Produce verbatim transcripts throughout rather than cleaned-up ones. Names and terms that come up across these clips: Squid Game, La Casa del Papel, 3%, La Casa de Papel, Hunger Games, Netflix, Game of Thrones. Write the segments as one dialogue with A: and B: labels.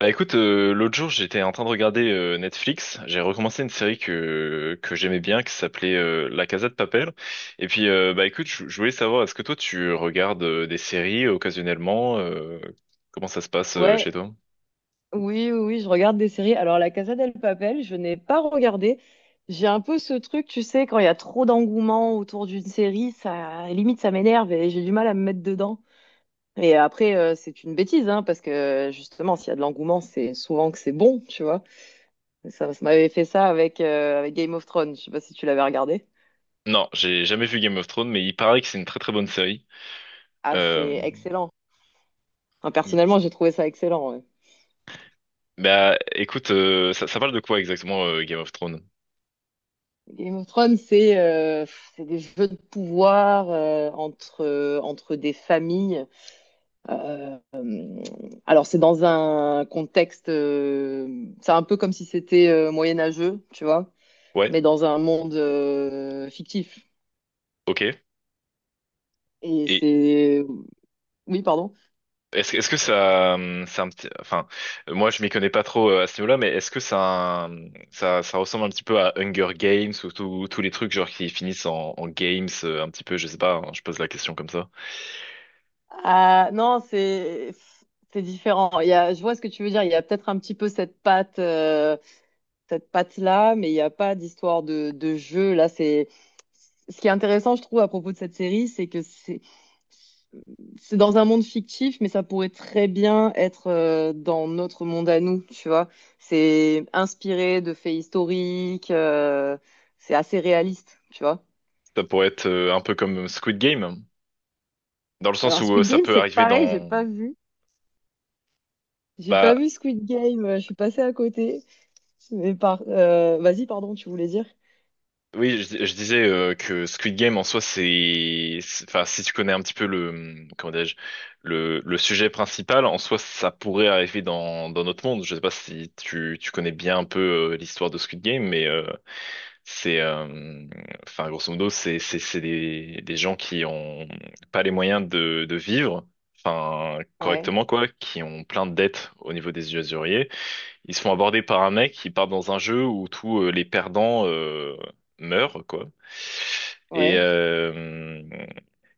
A: Bah écoute, euh, l'autre jour, j'étais en train de regarder euh, Netflix. J'ai recommencé une série que que j'aimais bien qui s'appelait euh, La Casa de Papel. Et puis euh, bah écoute, je je voulais savoir, est-ce que toi tu regardes euh, des séries euh, occasionnellement, euh, comment ça se passe euh,
B: Ouais,
A: chez toi?
B: oui, oui, oui, je regarde des séries. Alors, La Casa del Papel, je n'ai pas regardé. J'ai un peu ce truc, tu sais, quand il y a trop d'engouement autour d'une série, ça limite ça m'énerve et j'ai du mal à me mettre dedans. Et après, euh, c'est une bêtise, hein, parce que justement, s'il y a de l'engouement, c'est souvent que c'est bon, tu vois. Ça, ça m'avait fait ça avec, euh, avec Game of Thrones. Je sais pas si tu l'avais regardé.
A: Non, j'ai jamais vu Game of Thrones, mais il paraît que c'est une très très bonne série.
B: Ah, c'est
A: Euh,
B: excellent. Enfin,
A: il-
B: personnellement, j'ai trouvé ça excellent. Ouais.
A: Bah écoute, euh, ça, ça parle de quoi exactement euh, Game of Thrones?
B: Game of Thrones, c'est euh, c'est des jeux de pouvoir euh, entre, euh, entre des familles. Euh, alors, c'est dans un contexte, euh, c'est un peu comme si c'était euh, moyenâgeux, tu vois,
A: Ouais,
B: mais dans un monde euh, fictif.
A: ok.
B: Et
A: Et,
B: c'est... Oui, pardon.
A: Est-ce, est-ce que ça, euh, c'est un petit, enfin, euh, moi je m'y connais pas trop euh, à ce niveau-là, mais est-ce que ça, euh, ça, ça ressemble un petit peu à Hunger Games ou tous tous les trucs genre qui finissent en, en games euh, un petit peu, je sais pas, hein, je pose la question comme ça.
B: Ah, non, c'est... C'est différent. Il y a, je vois ce que tu veux dire. Il y a peut-être un petit peu cette patte. Euh, cette patte-là, mais il n'y a pas d'histoire de, de jeu. Là, c'est ce qui est intéressant, je trouve, à propos de cette série, c'est que c'est c'est dans un monde fictif, mais ça pourrait très bien être euh, dans notre monde à nous, tu vois. C'est inspiré de faits historiques, euh, c'est assez réaliste, tu vois.
A: Ça pourrait être euh, un peu comme Squid Game, dans le sens
B: Alors
A: où euh,
B: Squid
A: ça
B: Game,
A: peut
B: c'est
A: arriver
B: pareil, j'ai
A: dans,
B: pas vu, j'ai
A: bah,
B: pas vu Squid Game, euh, je suis passée à côté. Mais par, euh, vas-y, pardon, tu voulais dire?
A: oui, je, je disais euh, que Squid Game en soi, c'est, c'est- enfin, si tu connais un petit peu le, comment dirais-je, le, le sujet principal, en soi, ça pourrait arriver dans, dans notre monde. Je sais pas si tu, tu connais bien un peu euh, l'histoire de Squid Game, mais euh, c'est, euh, enfin, grosso modo, c'est, c'est, c'est des, des gens qui ont pas les moyens de, de vivre, enfin,
B: Ouais,
A: correctement quoi, qui ont plein de dettes au niveau des usuriers. Ils se font aborder par un mec qui part dans un jeu où tous euh, les perdants euh, meurent, quoi. Et,
B: ouais.
A: euh,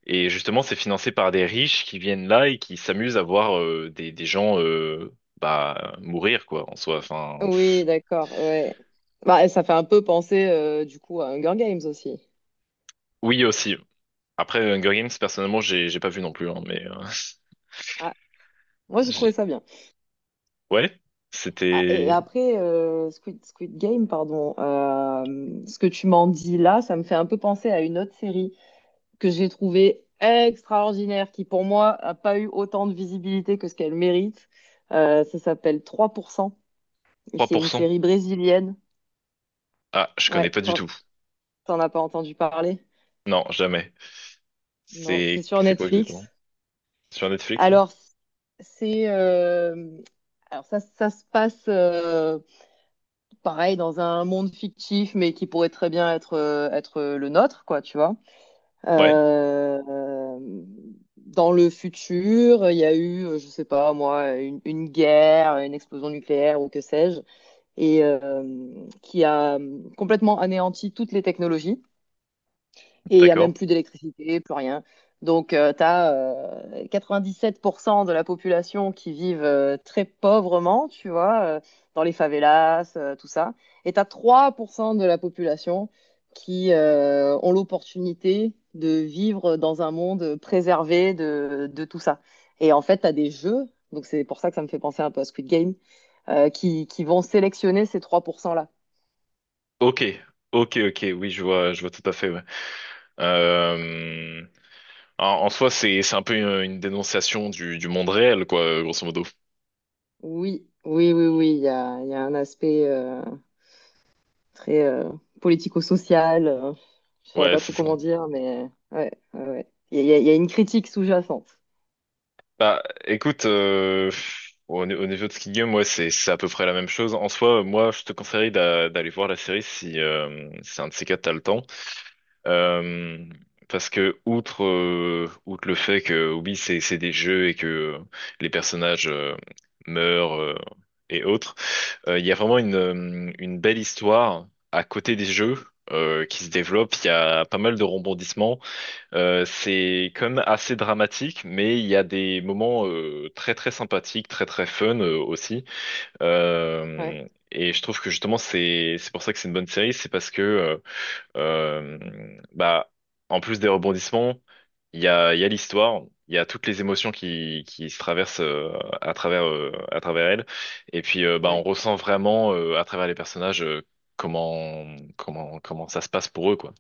A: et justement, c'est financé par des riches qui viennent là et qui s'amusent à voir euh, des, des gens euh, bah, mourir, quoi, en soi. Enfin, c'est-
B: Oui, d'accord, ouais. Bah, ça fait un peu penser euh, du coup à Hunger Games aussi.
A: oui, aussi. Après, Hunger Games, personnellement, j'ai j'ai pas vu non plus, hein, mais euh,
B: Ah, moi j'ai
A: j'ai-
B: trouvé ça bien.
A: ouais,
B: Ah, et
A: c'était
B: après, euh, Squid, Squid Game, pardon, euh, ce que tu m'en dis là, ça me fait un peu penser à une autre série que j'ai trouvée extraordinaire, qui pour moi a pas eu autant de visibilité que ce qu'elle mérite. Euh, ça s'appelle trois pour cent, et
A: trois
B: c'est
A: pour
B: une
A: cent.
B: série brésilienne.
A: Ah, je connais
B: Ouais,
A: pas du
B: t'en
A: tout.
B: t'en as pas entendu parler?
A: Non, jamais.
B: Non, c'est
A: C'est
B: sur
A: c'est quoi exactement?
B: Netflix.
A: Sur Netflix? Ouais,
B: Alors, c'est euh, alors ça, ça se passe euh, pareil dans un monde fictif, mais qui pourrait très bien être euh, être le nôtre, quoi, tu vois.
A: ouais,
B: Euh, euh, Dans le futur, il y a eu, euh, je sais pas moi, une, une guerre, une explosion nucléaire ou que sais-je, et euh, qui a euh, complètement anéanti toutes les technologies. Et il n'y a même
A: d'accord.
B: plus d'électricité, plus rien. Donc, tu as quatre-vingt-dix-sept pour cent de la population qui vivent euh, très pauvrement, tu vois, euh, dans les favelas, euh, tout ça. Et tu as trois pour cent de la population qui euh, ont l'opportunité de vivre dans un monde préservé de, de tout ça. Et en fait, tu as des jeux, donc c'est pour ça que ça me fait penser un peu à Squid Game, euh, qui, qui vont sélectionner ces trois pour cent-là.
A: Ok, ok, ok, oui, je vois, je vois tout à fait, ouais. Euh, En, en soi, c'est c'est un peu une, une dénonciation du, du monde réel, quoi, grosso modo.
B: Oui, oui, oui, oui, il y a, il y a un aspect... euh, très euh, politico-social. Euh, je saurais
A: Ouais,
B: pas trop
A: c'est ça.
B: comment dire, mais ouais, ouais, ouais. Il y a, il y a- il y a une critique sous-jacente.
A: Bah, écoute, euh, au, au niveau de Squid Game, ouais, c'est c'est à peu près la même chose. En soi, moi, je te conseillerais d'a- d'aller voir la série si euh, c'est un de ces quatre, t'as le temps. Euh, Parce que outre euh, outre le fait que oui, c'est c'est des jeux et que euh, les personnages euh, meurent, euh, et autres, euh, il y a vraiment une euh, une belle histoire à côté des jeux euh, qui se développe. Il y a pas mal de rebondissements. Euh, c'est quand même assez dramatique, mais il y a des moments euh, très très sympathiques, très très fun euh, aussi.
B: Ouais,
A: Euh, et je trouve que justement c'est c'est pour ça que c'est une bonne série, c'est parce que euh, euh, bah en plus des rebondissements, il y a il y a l'histoire, il y a toutes les émotions qui qui se traversent euh, à travers euh, à travers elle. Et puis euh, bah on
B: ouais.
A: ressent vraiment euh, à travers les personnages euh, comment comment comment ça se passe pour eux, quoi.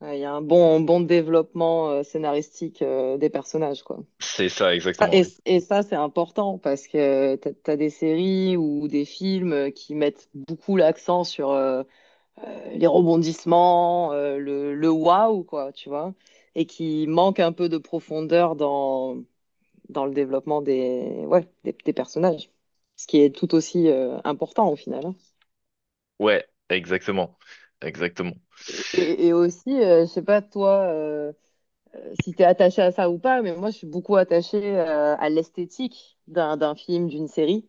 B: Ouais, il y a un bon, un bon développement euh, scénaristique euh, des personnages, quoi.
A: C'est ça
B: Ça-
A: exactement,
B: et,
A: oui.
B: et ça, c'est important parce que t'as, t'as des séries ou des films euh, qui mettent beaucoup l'accent sur euh, les rebondissements, euh, le, le waouh, quoi, tu vois, et qui manquent un peu de profondeur dans dans le développement des, ouais, des, des personnages. Ce qui est tout aussi euh, important au final. Hein.
A: Ouais, exactement. Exactement.
B: Et, et- et aussi, euh, je ne sais pas toi euh, si tu es attaché à ça ou pas, mais moi je suis beaucoup attachée euh, à l'esthétique d'un d'un film, d'une série,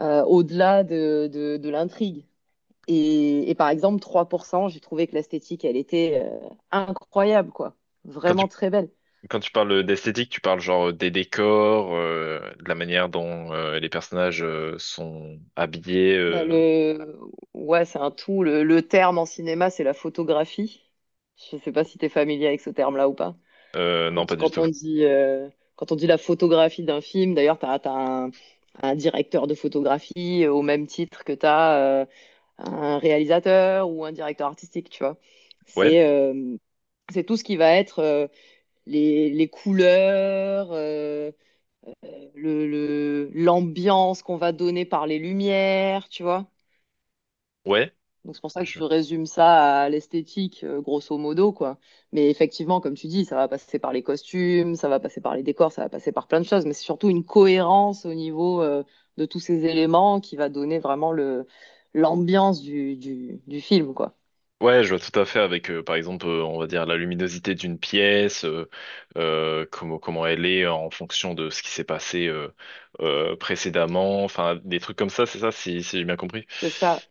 B: euh, au-delà de, de, de l'intrigue. Et, et par exemple, trois pour cent j'ai trouvé que l'esthétique, elle était euh, incroyable, quoi.
A: Quand tu,
B: Vraiment très belle.
A: quand tu parles d'esthétique, tu parles genre des décors, euh, de la manière dont euh, les personnages euh, sont habillés,
B: Bah
A: euh,
B: le... Ouais, c'est un tout. Le, le terme en cinéma, c'est la photographie. Je sais pas si tu es familier avec ce terme-là ou pas.
A: euh, non, pas
B: Quand,
A: du
B: quand
A: tout.
B: on dit, euh, quand on dit la photographie d'un film, d'ailleurs, tu as, un, un directeur de photographie euh, au même titre que tu as un réalisateur ou un directeur artistique, tu vois.
A: Ouais,
B: C'est euh, c'est tout ce qui va être euh, les, les couleurs, euh, le, le- l'ambiance qu'on va donner par les lumières, tu vois.
A: ouais.
B: Donc c'est pour ça que
A: Je...
B: je résume ça à l'esthétique, euh, grosso modo, quoi. Mais effectivement, comme tu dis, ça va passer par les costumes, ça va passer par les décors, ça va passer par plein de choses, mais c'est surtout une cohérence au niveau, euh, de tous ces éléments qui va donner vraiment le l'ambiance du, du, du film, quoi.
A: Ouais, je vois tout à fait avec, euh, par exemple, euh, on va dire la luminosité d'une pièce, euh, euh, comment, comment elle est en fonction de ce qui s'est passé euh, euh, précédemment, enfin, des trucs comme ça, c'est ça, si, si j'ai bien compris.
B: C'est ça.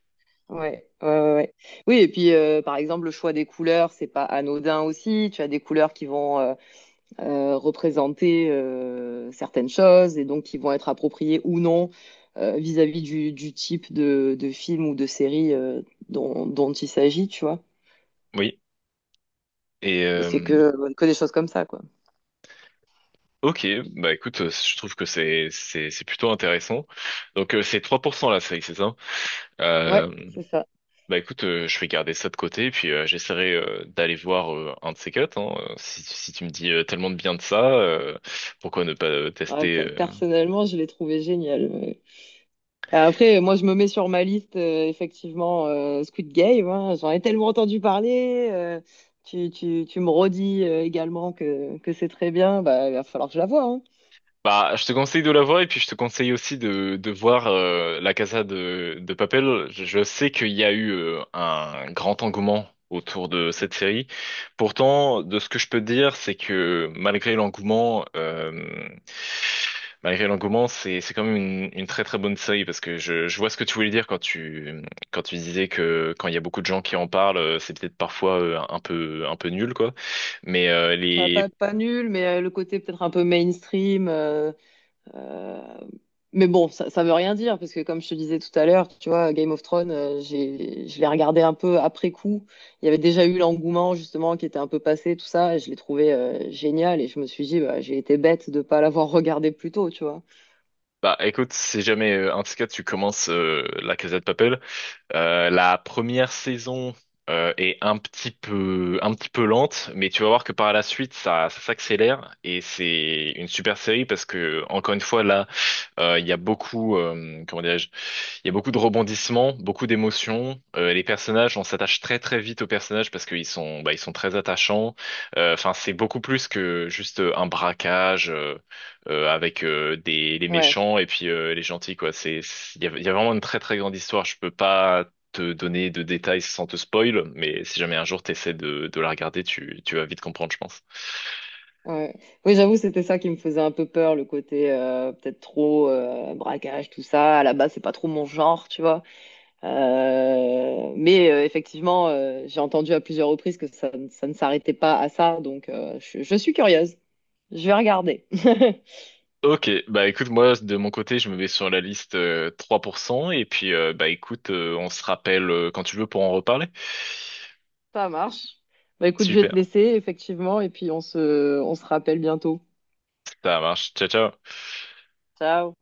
B: Ouais, ouais, ouais. Ouais. Oui, et puis euh, par exemple, le choix des couleurs, c'est pas anodin aussi. Tu as des couleurs qui vont euh, euh, représenter euh, certaines choses et donc qui vont être appropriées ou non euh, vis-à-vis du, du type de, de film ou de série euh, dont, dont il s'agit, tu vois.
A: Oui. Et,
B: Et c'est
A: euh,
B: que, que des choses comme ça, quoi.
A: Ok, bah écoute, euh, je trouve que c'est c'est c'est plutôt intéressant. Donc euh, c'est trois pour cent la série, c'est ça? Euh,
B: Ouais, c'est ça.
A: Bah écoute, euh, je vais garder ça de côté, puis euh, j'essaierai euh, d'aller voir euh, un de ces quatre, hein. Euh, Si si tu me dis euh, tellement de bien de ça, euh, pourquoi ne pas euh,
B: Ouais,
A: tester?
B: pe-
A: euh,
B: Personnellement, je l'ai trouvé génial. Ouais. Euh, Après, moi, je me mets sur ma liste, euh, effectivement, euh, Squid Game. Hein. J'en ai tellement entendu parler. Euh, tu, tu, tu me redis euh, également que, que c'est très bien. Bah, il va falloir que je la voie. Hein.
A: Bah, je te conseille de la voir et puis je te conseille aussi de, de voir euh, La Casa de, de Papel. Je je sais qu'il y a eu euh, un grand engouement autour de cette série. Pourtant, de ce que je peux dire, c'est que malgré l'engouement, euh, malgré l'engouement, c'est c'est quand même une, une très très bonne série parce que je, je vois ce que tu voulais dire quand tu quand tu disais que quand il y a beaucoup de gens qui en parlent, euh, c'est peut-être parfois euh, un peu un peu nul, quoi. Mais euh,
B: Bah, pas,
A: les
B: pas nul, mais euh, le côté peut-être un peu mainstream. euh, euh, Mais bon, ça, ça veut rien dire, parce que comme je te disais tout à l'heure, tu vois, Game of Thrones, euh, j'ai, je l'ai regardé un peu après coup. Il y avait déjà eu l'engouement, justement, qui était un peu passé, tout ça, et je l'ai trouvé euh, génial, et je me suis dit, bah, j'ai été bête de pas l'avoir regardé plus tôt, tu vois.
A: bah écoute, si jamais, euh, en tout cas, tu commences euh, La Casa de Papel, euh, la première saison euh, est un petit peu, un petit peu lente, mais tu vas voir que par la suite, ça, ça s'accélère et c'est une super série parce que, encore une fois, là, euh, il y a beaucoup, euh, comment dirais-je, il y a beaucoup de rebondissements, beaucoup d'émotions. Euh, les personnages, on s'attache très très vite aux personnages parce qu'ils sont, bah, ils sont très attachants. Euh, Enfin, c'est beaucoup plus que juste un braquage, euh, euh, avec euh, des les
B: Ouais,
A: méchants et puis euh, les gentils, quoi. C'est il y a, il y a vraiment une très très grande histoire. Je peux pas te donner de détails sans te spoil, mais si jamais un jour t'essaies de de la regarder, tu tu vas vite comprendre, je pense.
B: ouais. Oui, j'avoue, c'était ça qui me faisait un peu peur, le côté euh, peut-être trop euh, braquage, tout ça. À la base, c'est pas trop mon genre, tu vois. Euh, mais euh, effectivement, euh, j'ai entendu à plusieurs reprises que ça, ne ça ne s'arrêtait pas à ça, donc euh, je, je suis curieuse. Je vais regarder.
A: Ok, bah écoute, moi de mon côté, je me mets sur la liste euh, trois pour cent et puis euh, bah écoute, euh, on se rappelle euh, quand tu veux pour en reparler.
B: Ça marche. Bah écoute, je vais te
A: Super,
B: laisser, effectivement, et puis on se, on se rappelle bientôt.
A: ça marche. Ciao, ciao.
B: Ciao.